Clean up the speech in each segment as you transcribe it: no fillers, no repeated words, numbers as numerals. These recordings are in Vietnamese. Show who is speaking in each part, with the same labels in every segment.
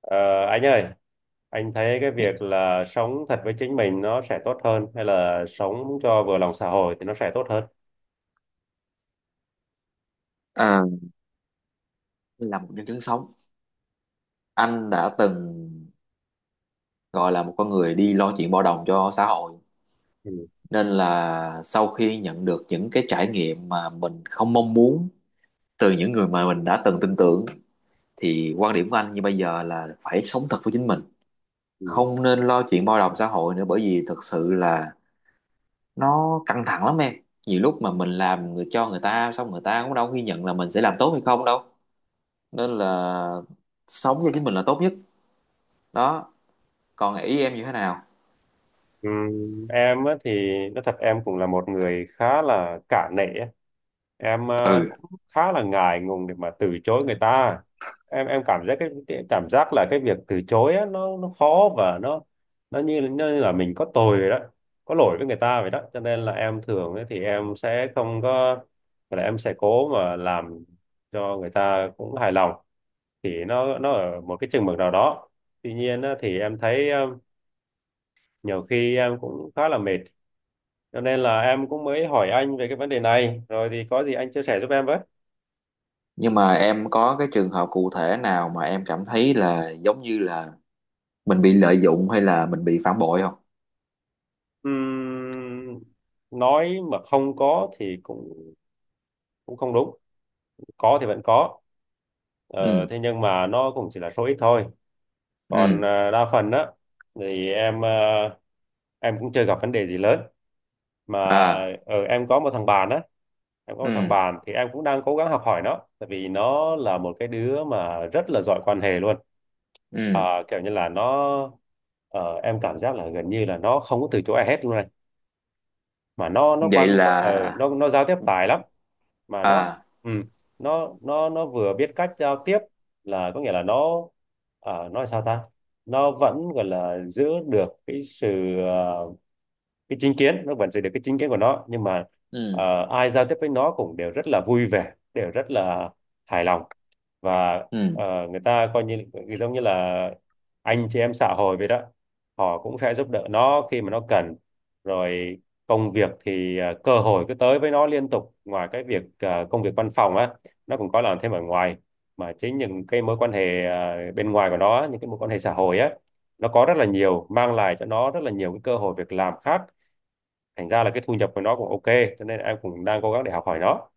Speaker 1: Ờ, anh ơi, anh thấy cái
Speaker 2: Nghĩ-
Speaker 1: việc là sống thật với chính mình nó sẽ tốt hơn hay là sống cho vừa lòng xã hội thì nó sẽ tốt hơn?
Speaker 2: À, là một nhân chứng sống, anh đã từng gọi là một con người đi lo chuyện bao đồng cho xã hội, nên là sau khi nhận được những cái trải nghiệm mà mình không mong muốn từ những người mà mình đã từng tin tưởng, thì quan điểm của anh như bây giờ là phải sống thật với chính mình,
Speaker 1: Ừ.
Speaker 2: không nên lo chuyện bao đồng xã hội nữa, bởi vì thực sự là nó căng thẳng lắm em. Nhiều lúc mà mình làm người cho người ta xong, người ta cũng đâu ghi nhận là mình sẽ làm tốt hay không đâu, nên là sống cho chính mình là tốt nhất. Đó, còn ý em như thế nào?
Speaker 1: Em á thì nói thật em cũng là một người khá là cả nể á. Em cũng
Speaker 2: Ừ,
Speaker 1: khá là ngại ngùng để mà từ chối người ta. Em cảm giác cái cảm giác là cái việc từ chối á, nó khó và nó như là mình có tội vậy đó, có lỗi với người ta vậy đó. Cho nên là em thường ấy, thì em sẽ không có, là em sẽ cố mà làm cho người ta cũng hài lòng, thì nó ở một cái chừng mực nào đó. Tuy nhiên á, thì em thấy nhiều khi em cũng khá là mệt, cho nên là em cũng mới hỏi anh về cái vấn đề này, rồi thì có gì anh chia sẻ giúp em với.
Speaker 2: nhưng mà em có cái trường hợp cụ thể nào mà em cảm thấy là giống như là mình bị lợi dụng hay là mình bị phản bội không?
Speaker 1: Ừm, nói mà không có thì cũng cũng không đúng, có thì vẫn có, ờ,
Speaker 2: Ừ.
Speaker 1: thế nhưng mà nó cũng chỉ là số ít thôi. Còn
Speaker 2: Ừ.
Speaker 1: đa phần á thì em, em cũng chưa gặp vấn đề gì lớn mà.
Speaker 2: À.
Speaker 1: Ở em có một thằng bạn á em có
Speaker 2: Ừ.
Speaker 1: một thằng bạn thì em cũng đang cố gắng học hỏi nó, tại vì nó là một cái đứa mà rất là giỏi quan hệ luôn.
Speaker 2: Ừ.
Speaker 1: Kiểu như là nó, ờ, em cảm giác là gần như là nó không có từ chối ai hết luôn này. Mà
Speaker 2: Vậy
Speaker 1: nó
Speaker 2: là...
Speaker 1: nó giao tiếp tài lắm, mà nó,
Speaker 2: À.
Speaker 1: ừ, nó vừa biết cách giao tiếp, là có nghĩa là nó, nói sao ta, nó vẫn gọi là giữ được cái sự cái chính kiến, nó vẫn giữ được cái chính kiến của nó. Nhưng mà
Speaker 2: Ừ.
Speaker 1: ai giao tiếp với nó cũng đều rất là vui vẻ, đều rất là hài lòng. Và
Speaker 2: Ừ.
Speaker 1: người ta coi như giống như là anh chị em xã hội vậy đó, họ cũng sẽ giúp đỡ nó khi mà nó cần. Rồi công việc thì cơ hội cứ tới với nó liên tục. Ngoài cái việc công việc văn phòng á, nó cũng có làm thêm ở ngoài, mà chính những cái mối quan hệ bên ngoài của nó, những cái mối quan hệ xã hội á, nó có rất là nhiều, mang lại cho nó rất là nhiều cái cơ hội việc làm khác. Thành ra là cái thu nhập của nó cũng ok, cho nên em cũng đang cố gắng để học hỏi nó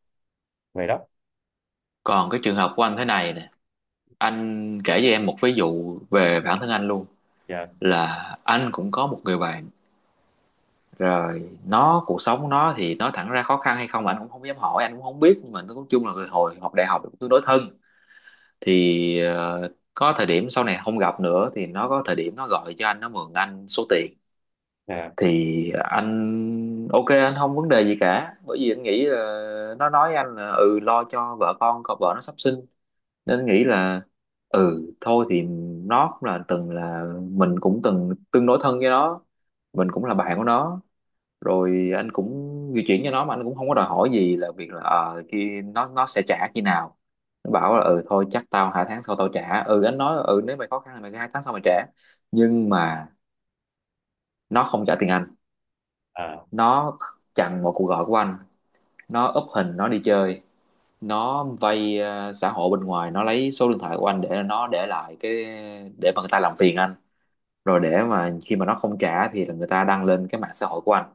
Speaker 1: vậy đó.
Speaker 2: Còn cái trường hợp của anh thế này nè, anh kể cho em một ví dụ về bản thân anh luôn.
Speaker 1: Dạ.
Speaker 2: Là anh cũng có một người bạn, rồi nó cuộc sống nó thì nói thẳng ra khó khăn hay không anh cũng không dám hỏi, anh cũng không biết, nhưng mà nói chung là hồi học đại học cũng tương đối thân. Thì có thời điểm sau này không gặp nữa, thì nó có thời điểm nó gọi cho anh, nó mượn anh số tiền.
Speaker 1: Dạ.
Speaker 2: Thì anh ok, anh không vấn đề gì cả, bởi vì anh nghĩ là nó nói với anh là ừ lo cho vợ con, còn vợ nó sắp sinh. Nên anh nghĩ là ừ thôi thì nó cũng là từng là mình cũng từng tương đối thân với nó, mình cũng là bạn của nó. Rồi anh cũng di chuyển cho nó mà anh cũng không có đòi hỏi gì, là việc là khi nó sẽ trả khi nào. Nó bảo là ừ thôi chắc tao hai tháng sau tao trả, ừ anh nói ừ nếu mày khó khăn thì mày cứ hai tháng sau mày trả. Nhưng mà nó không trả tiền anh.
Speaker 1: À.
Speaker 2: Nó chặn một cuộc gọi của anh, nó úp hình nó đi chơi. Nó vay xã hội bên ngoài, nó lấy số điện thoại của anh để nó để lại cái, để mà người ta làm phiền anh. Rồi để mà khi mà nó không trả thì là người ta đăng lên cái mạng xã hội của anh.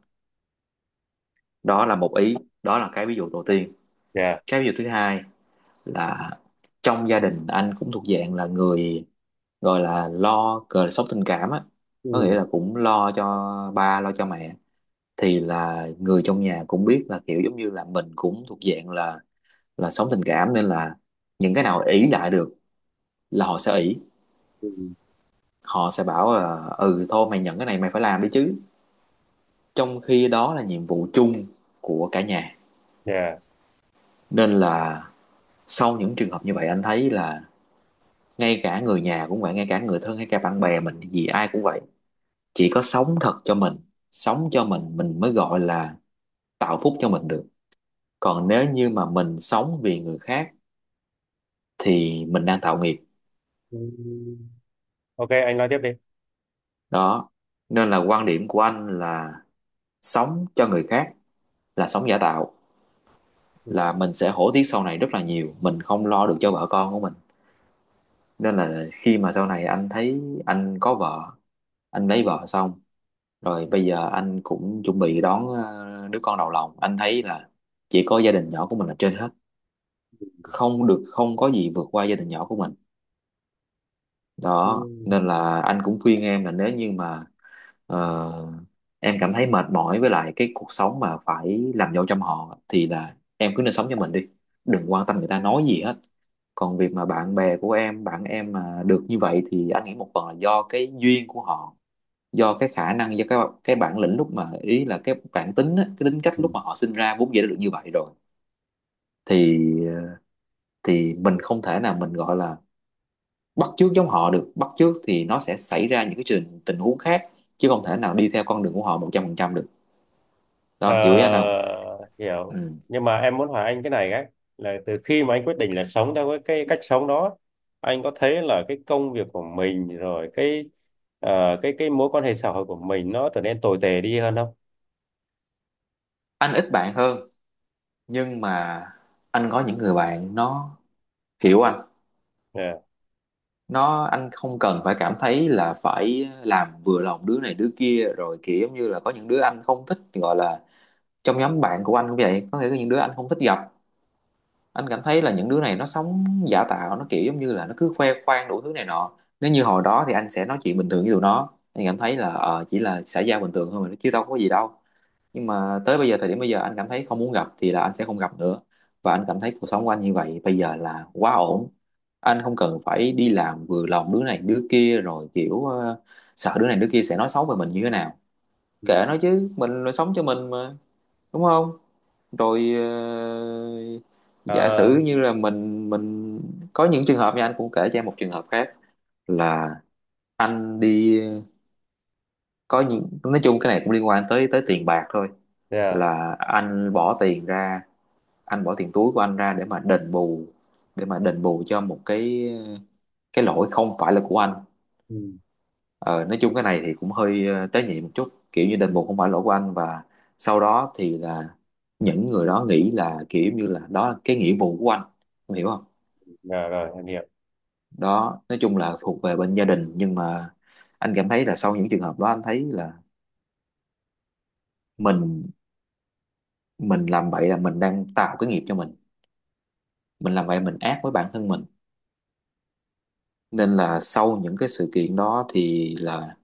Speaker 2: Đó là một ý, đó là cái ví dụ đầu tiên.
Speaker 1: Dạ.
Speaker 2: Cái ví dụ thứ hai là trong gia đình, anh cũng thuộc dạng là người gọi là lo cờ sốc tình cảm á, có nghĩa
Speaker 1: Ừ.
Speaker 2: là cũng lo cho ba, lo cho mẹ. Thì là người trong nhà cũng biết là kiểu giống như là mình cũng thuộc dạng là sống tình cảm, nên là những cái nào ỷ lại được là họ sẽ ỷ.
Speaker 1: Ừ.
Speaker 2: Họ sẽ bảo là ừ thôi mày nhận cái này mày phải làm đi chứ, trong khi đó là nhiệm vụ chung của cả nhà.
Speaker 1: Dạ.
Speaker 2: Nên là sau những trường hợp như vậy anh thấy là ngay cả người nhà cũng vậy, ngay cả người thân hay cả bạn bè mình thì ai cũng vậy. Chỉ có sống thật cho mình, sống cho mình mới gọi là tạo phúc cho mình được. Còn nếu như mà mình sống vì người khác thì mình đang tạo nghiệp.
Speaker 1: Ừ. Ok, anh nói tiếp đi.
Speaker 2: Đó nên là quan điểm của anh là sống cho người khác là sống giả tạo, là
Speaker 1: Ừ.
Speaker 2: mình sẽ hổ tiếc sau này rất là nhiều, mình không lo được cho vợ con của mình. Nên là khi mà sau này anh thấy anh có vợ, anh lấy vợ xong rồi bây giờ anh cũng chuẩn bị đón đứa con đầu lòng. Anh thấy là chỉ có gia đình nhỏ của mình là trên hết, không được không có gì vượt qua gia đình nhỏ của mình. Đó
Speaker 1: Ừ.
Speaker 2: nên là anh cũng khuyên em là nếu như mà ờ, em cảm thấy mệt mỏi với lại cái cuộc sống mà phải làm dâu trong họ thì là em cứ nên sống cho mình đi, đừng quan tâm người ta nói gì hết. Còn việc mà bạn bè của em, bạn em mà được như vậy thì anh nghĩ một phần là do cái duyên của họ, do cái khả năng, do cái bản lĩnh lúc mà ý là cái bản tính á, cái tính cách
Speaker 1: Ừ.
Speaker 2: lúc mà họ sinh ra vốn dĩ đã được như vậy rồi. Thì ờ, thì mình không thể nào mình gọi là bắt chước giống họ được, bắt chước thì nó sẽ xảy ra những cái tình huống khác, chứ không thể nào đi theo con đường của họ 100% được. Đó hiểu ý anh không?
Speaker 1: Ờ, hiểu.
Speaker 2: Ừ.
Speaker 1: Nhưng mà em muốn hỏi anh cái này ấy, là từ khi mà anh quyết định là sống theo cái cách sống đó, anh có thấy là cái công việc của mình, rồi cái cái mối quan hệ xã hội của mình nó trở nên tồi tệ đi hơn không?
Speaker 2: Anh ít bạn hơn, nhưng mà anh có những người bạn nó hiểu anh.
Speaker 1: Yeah.
Speaker 2: Nó anh không cần phải cảm thấy là phải làm vừa lòng đứa này đứa kia rồi kiểu giống như là có những đứa anh không thích, gọi là trong nhóm bạn của anh cũng vậy, có nghĩa là những đứa anh không thích gặp. Anh cảm thấy là những đứa này nó sống giả tạo, nó kiểu giống như là nó cứ khoe khoang đủ thứ này nọ. Nếu như hồi đó thì anh sẽ nói chuyện bình thường với tụi nó, anh cảm thấy là chỉ là xã giao bình thường thôi mà chứ đâu có gì đâu. Nhưng mà tới bây giờ thời điểm bây giờ anh cảm thấy không muốn gặp thì là anh sẽ không gặp nữa. Và anh cảm thấy cuộc sống của anh như vậy bây giờ là quá ổn, anh không cần phải đi làm vừa lòng đứa này đứa kia rồi kiểu sợ đứa này đứa kia sẽ nói xấu về mình như thế nào. Kệ
Speaker 1: Ừ.
Speaker 2: nó chứ, mình là sống cho mình mà, đúng không? Rồi
Speaker 1: Ờ,
Speaker 2: giả sử như là mình có những trường hợp nha, anh cũng kể cho em một trường hợp khác. Là anh đi có những nói chung cái này cũng liên quan tới tới tiền bạc thôi.
Speaker 1: yeah.
Speaker 2: Là anh bỏ tiền ra, anh bỏ tiền túi của anh ra để mà đền bù, để mà đền bù cho một cái lỗi không phải là của anh.
Speaker 1: Ừ.
Speaker 2: Ờ, nói chung cái này thì cũng hơi tế nhị một chút, kiểu như đền bù không phải lỗi của anh, và sau đó thì là những người đó nghĩ là kiểu như là đó là cái nghĩa vụ của anh. Em hiểu không?
Speaker 1: Dạ rồi em hiểu.
Speaker 2: Đó nói chung là thuộc về bên gia đình, nhưng mà anh cảm thấy là sau những trường hợp đó anh thấy là mình mình làm vậy là mình đang tạo cái nghiệp cho mình làm vậy mình ác với bản thân mình. Nên là sau những cái sự kiện đó thì là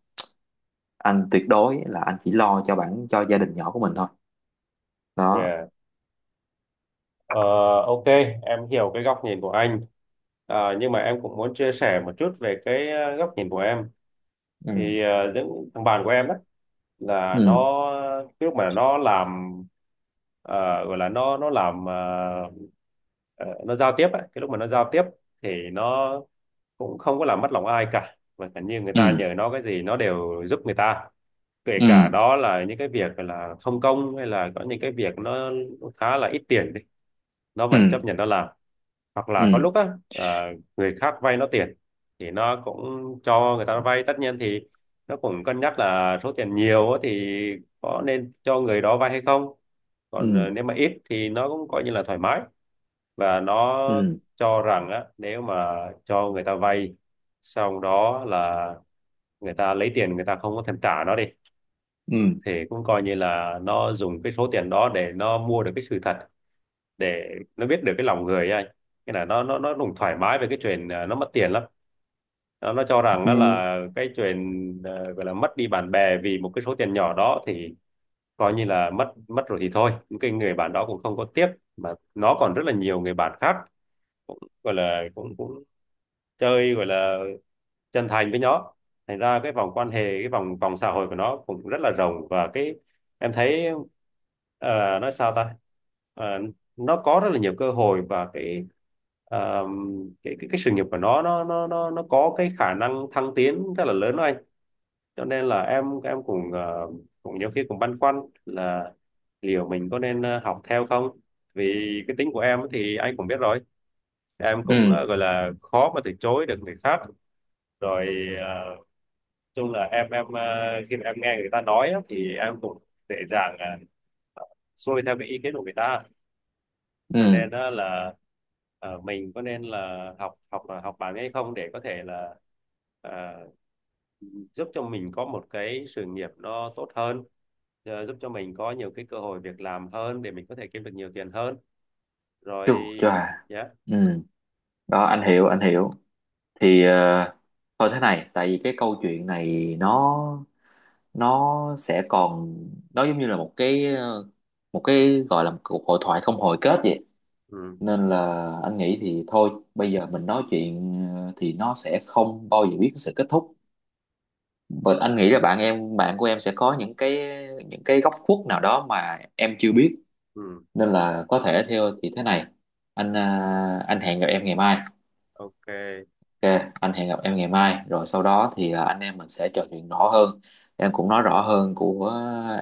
Speaker 2: anh tuyệt đối là anh chỉ lo cho cho gia đình nhỏ của mình thôi. Đó.
Speaker 1: Dạ. Ờ, ok, em hiểu cái góc nhìn của anh. Ờ, nhưng mà em cũng muốn chia sẻ một chút về cái góc nhìn của em.
Speaker 2: Ừ.
Speaker 1: Thì những thằng bạn của em đó, là nó,
Speaker 2: Ừ.
Speaker 1: cái lúc mà nó làm ờ, gọi là nó làm, ờ, nó giao tiếp ấy. Cái lúc mà nó giao tiếp thì nó cũng không có làm mất lòng ai cả, và cả như người ta
Speaker 2: Ừ.
Speaker 1: nhờ nó cái gì nó đều giúp người ta. Kể cả
Speaker 2: Ừ.
Speaker 1: đó là những cái việc là không công, hay là có những cái việc nó khá là ít tiền đi, nó vẫn
Speaker 2: Ừ.
Speaker 1: chấp nhận nó làm. Hoặc là có
Speaker 2: Ừ.
Speaker 1: lúc á, người khác vay nó tiền thì nó cũng cho người ta vay. Tất nhiên thì nó cũng cân nhắc là số tiền nhiều á thì có nên cho người đó vay hay không.
Speaker 2: Ừ.
Speaker 1: Còn nếu mà ít thì nó cũng coi như là thoải mái. Và nó
Speaker 2: Ừ.
Speaker 1: cho rằng á, nếu mà cho người ta vay xong đó, là người ta lấy tiền người ta không có thèm trả nó đi,
Speaker 2: Ừ.
Speaker 1: thì cũng coi như là nó dùng cái số tiền đó để nó mua được cái sự thật, để nó biết được cái lòng người ấy anh. Cái là nó cũng thoải mái về cái chuyện nó mất tiền lắm. Nó cho rằng á
Speaker 2: Ừ.
Speaker 1: là cái chuyện gọi là mất đi bạn bè vì một cái số tiền nhỏ đó, thì coi như là mất mất rồi thì thôi, những cái người bạn đó cũng không có tiếc, mà nó còn rất là nhiều người bạn khác, cũng gọi là cũng cũng chơi, gọi là chân thành với nó. Thành ra cái vòng quan hệ, cái vòng vòng xã hội của nó cũng rất là rộng. Và cái em thấy, nói sao ta, Ờ, nó có rất là nhiều cơ hội, và cái ờ, cái sự nghiệp của nó nó có cái khả năng thăng tiến rất là lớn đó anh. Cho nên là em cũng cũng nhiều khi cũng băn khoăn là liệu mình có nên học theo không. Vì cái tính của em thì anh cũng biết rồi, em cũng
Speaker 2: Ừ.
Speaker 1: gọi là khó mà từ chối được người khác. Rồi chung là em khi mà em nghe người ta nói á, thì em cũng dễ dàng uh, xuôi theo cái ý kiến của người ta. Cho
Speaker 2: Ừ.
Speaker 1: nên á là mình có nên là học học học bản hay không, để có thể là ờ, giúp cho mình có một cái sự nghiệp nó tốt hơn, giúp cho mình có nhiều cái cơ hội việc làm hơn để mình có thể kiếm được nhiều tiền hơn rồi.
Speaker 2: Chu cho à.
Speaker 1: Yeah.
Speaker 2: Ừ. Đó anh hiểu anh hiểu. Thì thôi thế này, tại vì cái câu chuyện này nó sẽ còn, nó giống như là một cái một cái gọi là một cuộc hội thoại không hồi kết vậy.
Speaker 1: Ừ.
Speaker 2: Nên là anh nghĩ thì thôi bây giờ mình nói chuyện thì nó sẽ không bao giờ biết cái sự kết thúc. Và anh nghĩ là bạn của em sẽ có những cái góc khuất nào đó mà em chưa biết.
Speaker 1: Ừ.
Speaker 2: Nên là có thể theo thì thế này, anh hẹn gặp em ngày mai.
Speaker 1: Ok.
Speaker 2: Ok anh hẹn gặp em ngày mai, rồi sau đó thì anh em mình sẽ trò chuyện rõ hơn. Em cũng nói rõ hơn của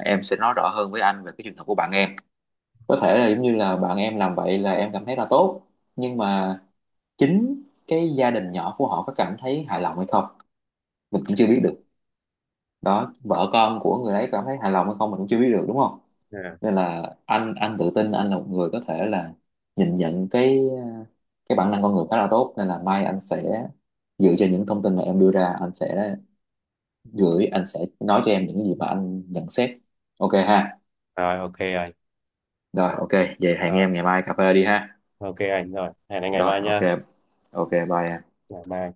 Speaker 2: Em sẽ nói rõ hơn với anh về cái trường hợp của bạn em. Có thể là giống như là bạn em làm vậy là em cảm thấy là tốt, nhưng mà chính cái gia đình nhỏ của họ có cảm thấy hài lòng hay không mình cũng chưa biết
Speaker 1: Ừ.
Speaker 2: được. Đó vợ con của người đấy cảm thấy hài lòng hay không mình cũng chưa biết được, đúng không?
Speaker 1: Yeah.
Speaker 2: Nên là anh tự tin anh là một người có thể là nhìn nhận cái bản năng con người khá là tốt. Nên là mai anh sẽ dựa trên những thông tin mà em đưa ra, anh sẽ nói cho em những gì mà anh nhận xét. Ok ha?
Speaker 1: Rồi ok rồi.
Speaker 2: Rồi ok. Vậy hẹn
Speaker 1: Rồi,
Speaker 2: em ngày mai cà phê đi ha.
Speaker 1: ok anh, rồi hẹn anh ngày
Speaker 2: Rồi
Speaker 1: mai
Speaker 2: ok.
Speaker 1: nha.
Speaker 2: Ok bye em.
Speaker 1: Ngày mai.